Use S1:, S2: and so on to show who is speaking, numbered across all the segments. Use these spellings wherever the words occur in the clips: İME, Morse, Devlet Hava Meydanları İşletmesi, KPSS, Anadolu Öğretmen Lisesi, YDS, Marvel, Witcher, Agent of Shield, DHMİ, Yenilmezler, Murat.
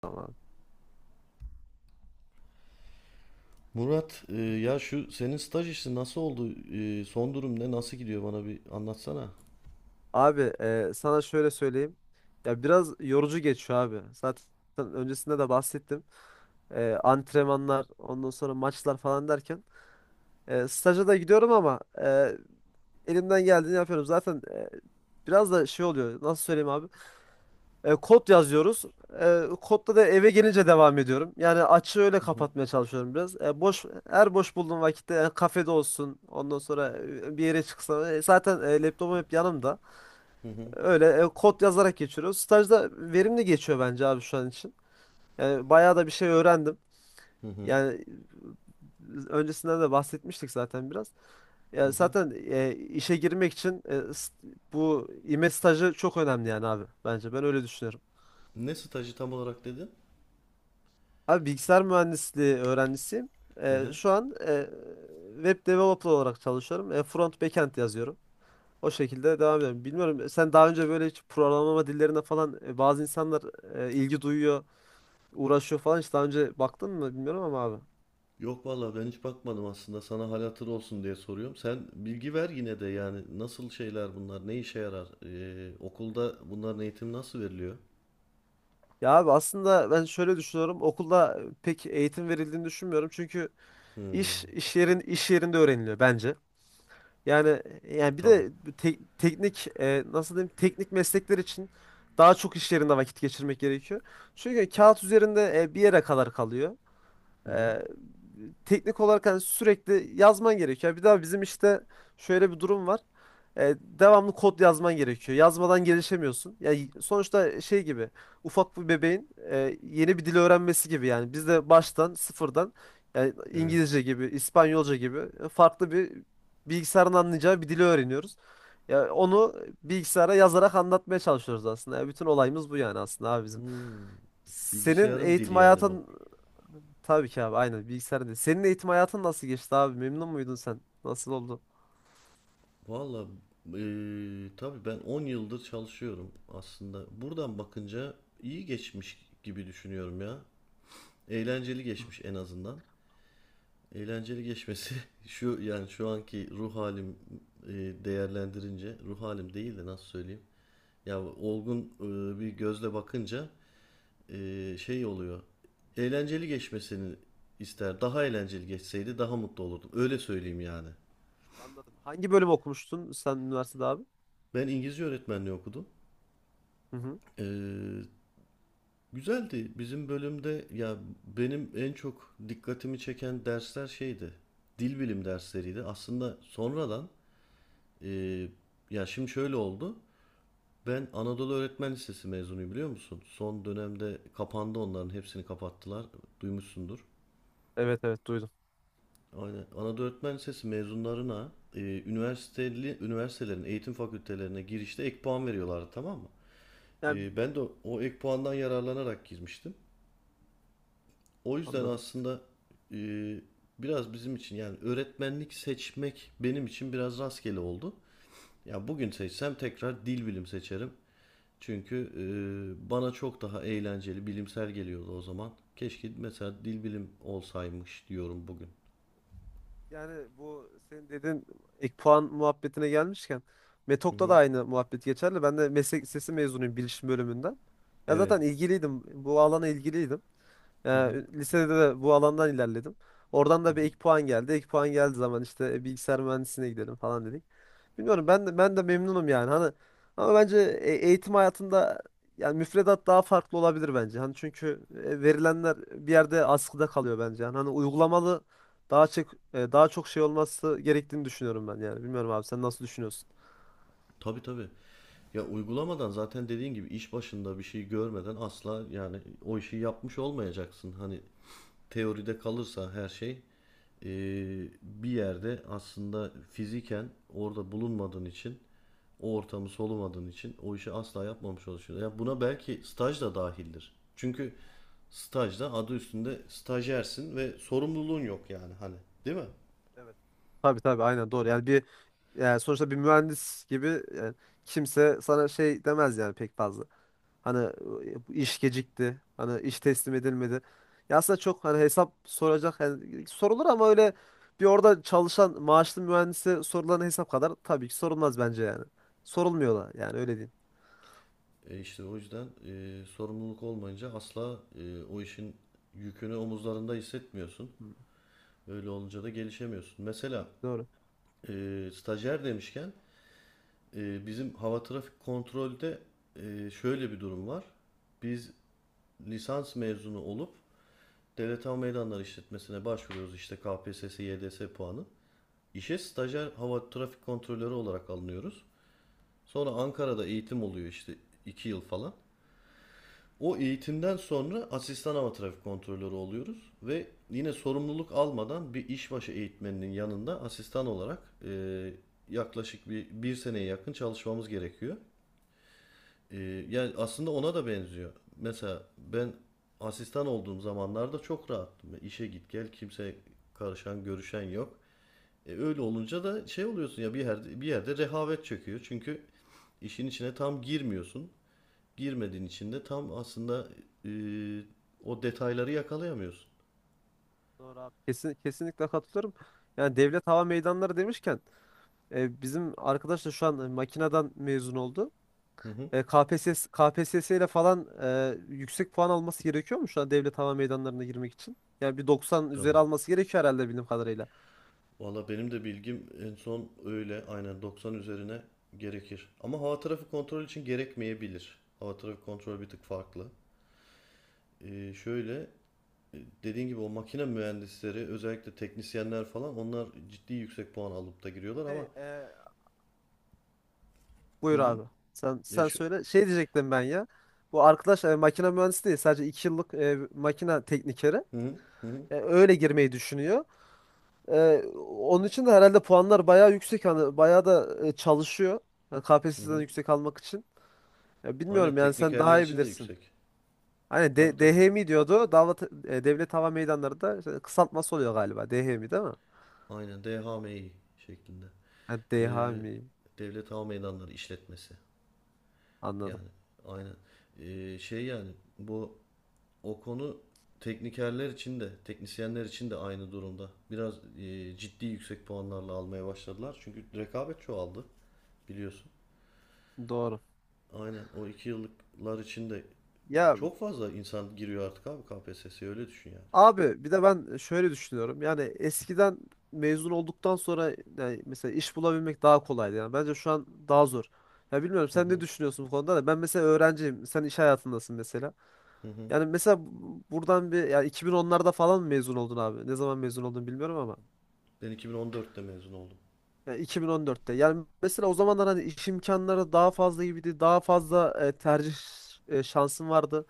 S1: Tamam.
S2: Murat, ya şu senin staj işi nasıl oldu? Son durum ne? Nasıl gidiyor? Bana bir anlatsana.
S1: Abi sana şöyle söyleyeyim. Ya biraz yorucu geçiyor abi. Zaten öncesinde de bahsettim. Antrenmanlar, ondan sonra maçlar falan derken. Staja da gidiyorum ama elimden geldiğini yapıyorum. Zaten biraz da şey oluyor. Nasıl söyleyeyim abi? Kod yazıyoruz. Kodda da eve gelince devam ediyorum. Yani açığı öyle
S2: Hı hı,
S1: kapatmaya çalışıyorum biraz. Her boş bulduğum vakitte kafede olsun. Ondan sonra bir yere çıksam. Zaten laptopum hep yanımda.
S2: hı hı,
S1: Öyle kod yazarak geçiriyoruz. Stajda verimli geçiyor bence abi şu an için. Yani bayağı da bir şey öğrendim.
S2: hı hı,
S1: Yani öncesinden de bahsetmiştik zaten biraz.
S2: hı
S1: Yani
S2: hı.
S1: zaten işe girmek için bu İME stajı çok önemli yani abi bence. Ben öyle düşünüyorum.
S2: Ne stajı tam olarak dedin?
S1: Abi bilgisayar mühendisliği öğrencisiyim.
S2: Hı hı.
S1: Şu an web developer olarak çalışıyorum. Front backend yazıyorum. O şekilde devam ediyorum. Bilmiyorum sen daha önce böyle hiç programlama dillerine falan bazı insanlar ilgi duyuyor. Uğraşıyor falan hiç daha önce baktın mı bilmiyorum ama abi.
S2: Yok vallahi ben hiç bakmadım aslında. Sana hal hatır olsun diye soruyorum. Sen bilgi ver yine de yani nasıl şeyler bunlar? Ne işe yarar? Okulda bunların eğitimi nasıl veriliyor?
S1: Ya abi aslında ben şöyle düşünüyorum. Okulda pek eğitim verildiğini düşünmüyorum. Çünkü
S2: Hmm,
S1: iş yerinde öğreniliyor bence. Yani bir
S2: tabii.
S1: de teknik nasıl diyeyim teknik meslekler için daha çok iş yerinde vakit geçirmek gerekiyor. Çünkü kağıt üzerinde bir yere kadar kalıyor.
S2: Hı hı,
S1: Ee, Teknik olarak hani sürekli yazman gerekiyor. Bir daha bizim işte şöyle bir durum var. Devamlı kod yazman gerekiyor. Yazmadan gelişemiyorsun. Yani sonuçta şey gibi ufak bir bebeğin yeni bir dil öğrenmesi gibi yani. Biz de baştan sıfırdan yani
S2: evet.
S1: İngilizce gibi, İspanyolca gibi farklı bir bilgisayarın anlayacağı bir dili öğreniyoruz. Ya onu bilgisayara yazarak anlatmaya çalışıyoruz aslında. Ya bütün olayımız bu yani aslında abi bizim.
S2: Hmm,
S1: Senin
S2: Bilgisayarın
S1: eğitim
S2: dili yani bu.
S1: hayatın tabii ki abi aynen bilgisayarda. Senin eğitim hayatın nasıl geçti abi? Memnun muydun sen? Nasıl oldu?
S2: Valla tabii ben 10 yıldır çalışıyorum aslında. Buradan bakınca iyi geçmiş gibi düşünüyorum ya. Eğlenceli geçmiş en azından. Eğlenceli geçmesi şu yani şu anki ruh halim değerlendirince ruh halim değil de nasıl söyleyeyim? Ya olgun bir gözle bakınca şey oluyor. Eğlenceli geçmesini ister. Daha eğlenceli geçseydi daha mutlu olurdum. Öyle söyleyeyim yani.
S1: Anladım. Hangi bölüm okumuştun sen üniversitede abi?
S2: Ben İngilizce öğretmenliği okudum.
S1: Hı hı.
S2: Ee, Güzeldi. Bizim bölümde ya benim en çok dikkatimi çeken dersler şeydi. Dil bilim dersleriydi. Aslında sonradan e, ya şimdi şöyle oldu. Ben Anadolu Öğretmen Lisesi mezunuyum biliyor musun? Son dönemde kapandı, onların hepsini kapattılar. Duymuşsundur.
S1: Evet, evet, duydum.
S2: Aynen. Anadolu Öğretmen Lisesi mezunlarına üniversiteli, üniversitelerin eğitim fakültelerine girişte ek puan veriyorlardı, tamam mı?
S1: Yani
S2: Ben de o ek puandan yararlanarak girmiştim. O yüzden
S1: anladım.
S2: aslında e, biraz bizim için yani öğretmenlik seçmek benim için biraz rastgele oldu. Ya bugün seçsem tekrar dil bilim seçerim. Çünkü bana çok daha eğlenceli, bilimsel geliyordu o zaman. Keşke mesela dil bilim olsaymış diyorum bugün.
S1: Yani bu senin dediğin ek puan muhabbetine gelmişken
S2: Hı
S1: Metok'ta da
S2: hı.
S1: aynı muhabbet geçerli. Ben de meslek lisesi mezunuyum bilişim bölümünden. Ya
S2: Evet.
S1: zaten ilgiliydim. Bu alana ilgiliydim.
S2: Hı hı.
S1: Yani lisede de bu alandan ilerledim. Oradan
S2: Hı
S1: da bir
S2: hı.
S1: ek puan geldi. Ek puan geldiği zaman işte bilgisayar mühendisliğine gidelim falan dedik. Bilmiyorum ben de memnunum yani. Hani ama bence eğitim hayatında yani müfredat daha farklı olabilir bence. Hani çünkü verilenler bir yerde askıda kalıyor bence. Yani hani uygulamalı daha çok daha çok şey olması gerektiğini düşünüyorum ben yani. Bilmiyorum abi sen nasıl düşünüyorsun?
S2: Tabii, tabii. Ya uygulamadan zaten dediğin gibi iş başında bir şey görmeden asla yani o işi yapmış olmayacaksın. Hani teoride kalırsa her şey e, bir yerde aslında fiziken orada bulunmadığın için o ortamı solumadığın için o işi asla yapmamış olursun. Ya buna belki staj da dahildir. Çünkü stajda adı üstünde stajyersin ve sorumluluğun yok yani hani, değil mi?
S1: Evet. Tabii tabii aynen doğru. Yani bir yani sonuçta bir mühendis gibi e, kimse sana şey demez yani pek fazla. Hani iş gecikti. Hani iş teslim edilmedi. Ya aslında çok hani hesap soracak yani sorulur ama öyle bir orada çalışan maaşlı mühendise sorulan hesap kadar tabii ki sorulmaz bence yani. Sorulmuyorlar yani öyle diyeyim.
S2: E işte o yüzden sorumluluk olmayınca asla o işin yükünü omuzlarında hissetmiyorsun.
S1: Hı.
S2: Öyle olunca da gelişemiyorsun. Mesela
S1: Doğru.
S2: e, stajyer demişken bizim hava trafik kontrolde şöyle bir durum var. Biz lisans mezunu olup devlet hava meydanları işletmesine başvuruyoruz işte KPSS, YDS puanı. İşe stajyer hava trafik kontrolörü olarak alınıyoruz. Sonra Ankara'da eğitim oluyor işte 2 yıl falan. O eğitimden sonra asistan hava trafik kontrolörü oluyoruz ve yine sorumluluk almadan bir işbaşı eğitmeninin yanında asistan olarak e, yaklaşık bir seneye yakın çalışmamız gerekiyor. Ee, yani aslında ona da benziyor. Mesela ben asistan olduğum zamanlarda çok rahattım. İşe git gel kimse karışan görüşen yok. Öyle olunca da şey oluyorsun ya, bir yerde bir yerde rehavet çöküyor. Çünkü işin içine tam girmiyorsun. Girmediğin için de tam aslında e, o detayları yakalayamıyorsun.
S1: Doğru abi. Kesinlikle katılıyorum. Yani devlet hava meydanları demişken bizim arkadaş da şu an makineden mezun oldu.
S2: Hı hı.
S1: KPSS ile falan yüksek puan alması gerekiyor mu şu an devlet hava meydanlarına girmek için? Yani bir 90 üzeri
S2: Tabii.
S1: alması gerekiyor herhalde bildiğim kadarıyla.
S2: Valla benim de bilgim en son öyle, aynen 90 üzerine gerekir. Ama hava trafik kontrol için gerekmeyebilir. Hava trafik kontrolü bir tık farklı. Şöyle dediğin gibi o makine mühendisleri özellikle teknisyenler falan onlar ciddi yüksek puan alıp da giriyorlar ama...
S1: Şey,
S2: Hı
S1: buyur
S2: hı.
S1: abi. Sen
S2: E,
S1: sen
S2: şu,
S1: söyle. Şey diyecektim ben ya. Bu arkadaş makine mühendisi değil. Sadece 2 yıllık makine teknikeri.
S2: hı hı, hı hı,
S1: Öyle girmeyi düşünüyor. Onun için de herhalde puanlar bayağı yüksek. Hani bayağı da çalışıyor. Yani
S2: hı
S1: KPSS'den
S2: hı.
S1: yüksek almak için. Ya bilmiyorum
S2: Aynen
S1: yani sen
S2: teknikerler
S1: daha iyi
S2: için de
S1: bilirsin.
S2: yüksek.
S1: Hani
S2: Tabii, tabii.
S1: DHMİ diyordu. Devlet Hava Meydanları da işte kısaltması oluyor galiba. DHMİ değil mi?
S2: Aynen DHMİ şeklinde.
S1: Ha,
S2: Ee,
S1: DHMİ
S2: Devlet Hava Meydanları işletmesi.
S1: anladım.
S2: Yani aynen. Şey yani bu o konu teknikerler için de teknisyenler için de aynı durumda. Biraz ciddi yüksek puanlarla almaya başladılar. Çünkü rekabet çoğaldı, biliyorsun.
S1: Doğru.
S2: Aynen o iki yıllıklar içinde
S1: Ya
S2: çok fazla insan giriyor artık abi KPSS'ye, öyle düşün yani.
S1: abi bir de ben şöyle düşünüyorum. Yani eskiden mezun olduktan sonra yani mesela iş bulabilmek daha kolaydı. Yani bence şu an daha zor. Ya bilmiyorum
S2: Hı
S1: sen ne
S2: hı,
S1: düşünüyorsun bu konuda da ben mesela öğrenciyim. Sen iş hayatındasın mesela.
S2: hı hı.
S1: Yani mesela buradan bir yani 2010'larda falan mı mezun oldun abi? Ne zaman mezun oldun bilmiyorum ama.
S2: Ben 2014'te mezun oldum.
S1: Yani 2014'te. Yani mesela o zamanlar hani iş imkanları daha fazla gibiydi. Daha fazla tercih şansın vardı.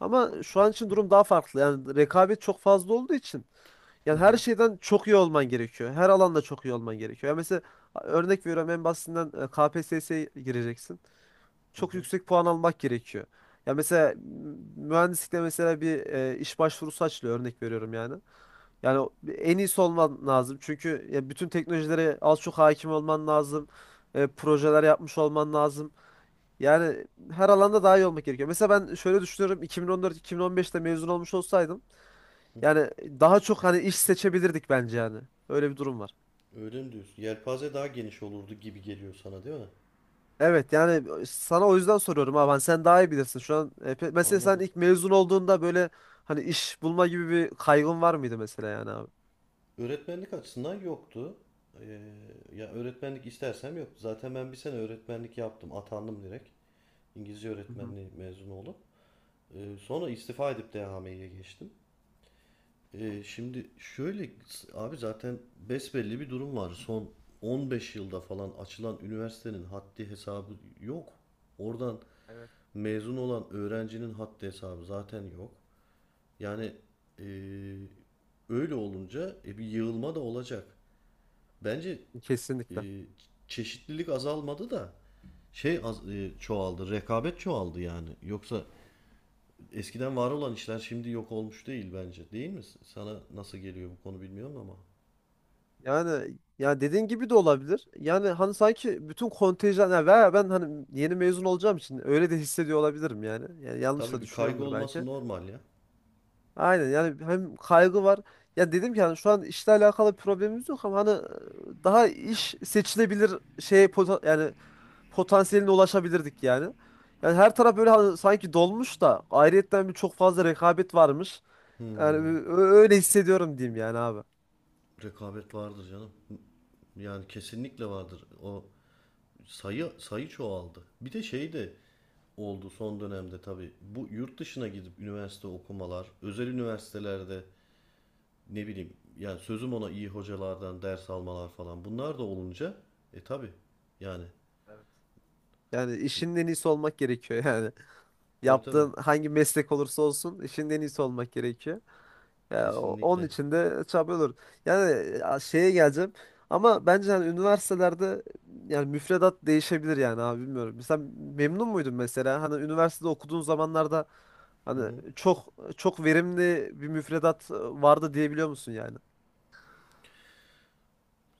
S1: Ama şu an için durum daha farklı. Yani rekabet çok fazla olduğu için
S2: Hı
S1: yani her
S2: hı,
S1: şeyden çok iyi olman gerekiyor. Her alanda çok iyi olman gerekiyor. Yani mesela örnek veriyorum en basitinden KPSS'ye gireceksin
S2: hı
S1: çok
S2: hı.
S1: yüksek puan almak gerekiyor. Ya mesela mühendislikte mesela bir iş başvurusu açılıyor örnek veriyorum yani. Yani en iyisi olman lazım. Çünkü ya bütün teknolojilere az çok hakim olman lazım. Projeler yapmış olman lazım. Yani her alanda daha iyi olmak gerekiyor. Mesela ben şöyle düşünüyorum. 2014-2015'te mezun olmuş olsaydım yani daha çok hani iş seçebilirdik bence yani. Öyle bir durum var.
S2: Öyle mi diyorsun? Yelpaze daha geniş olurdu gibi geliyor sana, değil mi?
S1: Evet yani sana o yüzden soruyorum ha ben sen daha iyi bilirsin şu an. Mesela sen
S2: Anladım.
S1: ilk mezun olduğunda böyle hani iş bulma gibi bir kaygın var mıydı mesela yani abi?
S2: Öğretmenlik açısından yoktu. Ee, ya öğretmenlik istersem yoktu. Zaten ben bir sene öğretmenlik yaptım. Atandım direkt. İngilizce
S1: Hı hı.
S2: öğretmenliği mezunu olup. Sonra istifa edip DHMİ'ye geçtim. Şimdi şöyle abi, zaten besbelli bir durum var. Son 15 yılda falan açılan üniversitenin haddi hesabı yok. Oradan
S1: Evet.
S2: mezun olan öğrencinin haddi hesabı zaten yok. Yani e, öyle olunca bir yığılma da olacak. Bence e,
S1: Kesinlikle.
S2: çeşitlilik azalmadı da şey çoğaldı, rekabet çoğaldı yani. Yoksa eskiden var olan işler şimdi yok olmuş değil bence. Değil mi? Sana nasıl geliyor bu konu bilmiyorum ama.
S1: Yani ya dediğin gibi de olabilir. Yani hani sanki bütün kontenjan ya veya ben hani yeni mezun olacağım için öyle de hissediyor olabilirim yani. Yani yanlış
S2: Tabii,
S1: da
S2: bir kaygı
S1: düşünüyorumdur
S2: olması
S1: belki.
S2: normal ya.
S1: Aynen yani hem kaygı var. Ya dedim ki hani şu an işle alakalı bir problemimiz yok ama hani daha iş seçilebilir şey yani potansiyeline ulaşabilirdik yani. Yani her taraf böyle hani sanki dolmuş da ayrıyetten bir çok fazla rekabet varmış. Yani
S2: Hmm,
S1: öyle hissediyorum diyeyim yani abi.
S2: rekabet vardır canım. Yani kesinlikle vardır. O sayı sayı çoğaldı. Bir de şey de oldu son dönemde tabii. Bu yurt dışına gidip üniversite okumalar, özel üniversitelerde ne bileyim yani sözüm ona iyi hocalardan ders almalar falan. Bunlar da olunca tabii yani,
S1: Evet. Yani işin en iyisi olmak gerekiyor yani.
S2: tabii, tabii,
S1: Yaptığın hangi meslek olursa olsun işin en iyisi olmak gerekiyor. Ya, onun
S2: kesinlikle.
S1: için de çabalıyorlar. Yani ya, şeye geleceğim. Ama bence hani üniversitelerde yani müfredat değişebilir yani abi bilmiyorum. Sen memnun muydun mesela? Hani üniversitede okuduğun zamanlarda
S2: Hı
S1: hani
S2: hı.
S1: çok çok verimli bir müfredat vardı diyebiliyor musun yani?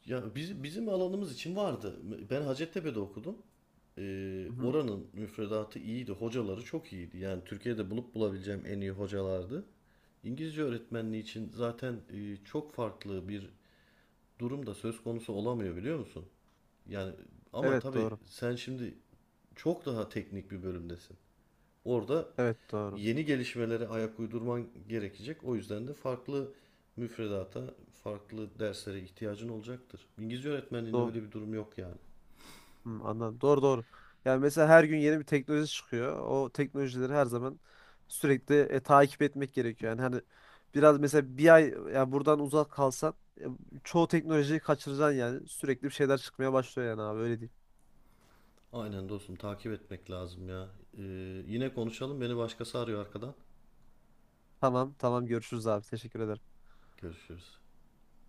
S2: Ya bizim alanımız için vardı. Ben Hacettepe'de okudum.
S1: Hı hı.
S2: Oranın müfredatı iyiydi. Hocaları çok iyiydi. Yani Türkiye'de bulup bulabileceğim en iyi hocalardı. İngilizce öğretmenliği için zaten çok farklı bir durum da söz konusu olamıyor, biliyor musun? Yani ama
S1: Evet
S2: tabii
S1: doğru.
S2: sen şimdi çok daha teknik bir bölümdesin. Orada
S1: Evet doğru.
S2: yeni gelişmelere ayak uydurman gerekecek. O yüzden de farklı müfredata, farklı derslere ihtiyacın olacaktır. İngilizce öğretmenliğinde
S1: Doğru.
S2: öyle bir durum yok yani.
S1: Hmm, anladım. Doğru, doğru. Yani mesela her gün yeni bir teknoloji çıkıyor. O teknolojileri her zaman sürekli takip etmek gerekiyor. Yani hani biraz mesela bir ay yani buradan uzak kalsan e, çoğu teknolojiyi kaçıracaksın yani. Sürekli bir şeyler çıkmaya başlıyor yani abi öyle diyeyim.
S2: Aynen dostum, takip etmek lazım ya. Ee, yine konuşalım. Beni başkası arıyor arkadan.
S1: Tamam, tamam, görüşürüz abi. Teşekkür ederim.
S2: Görüşürüz.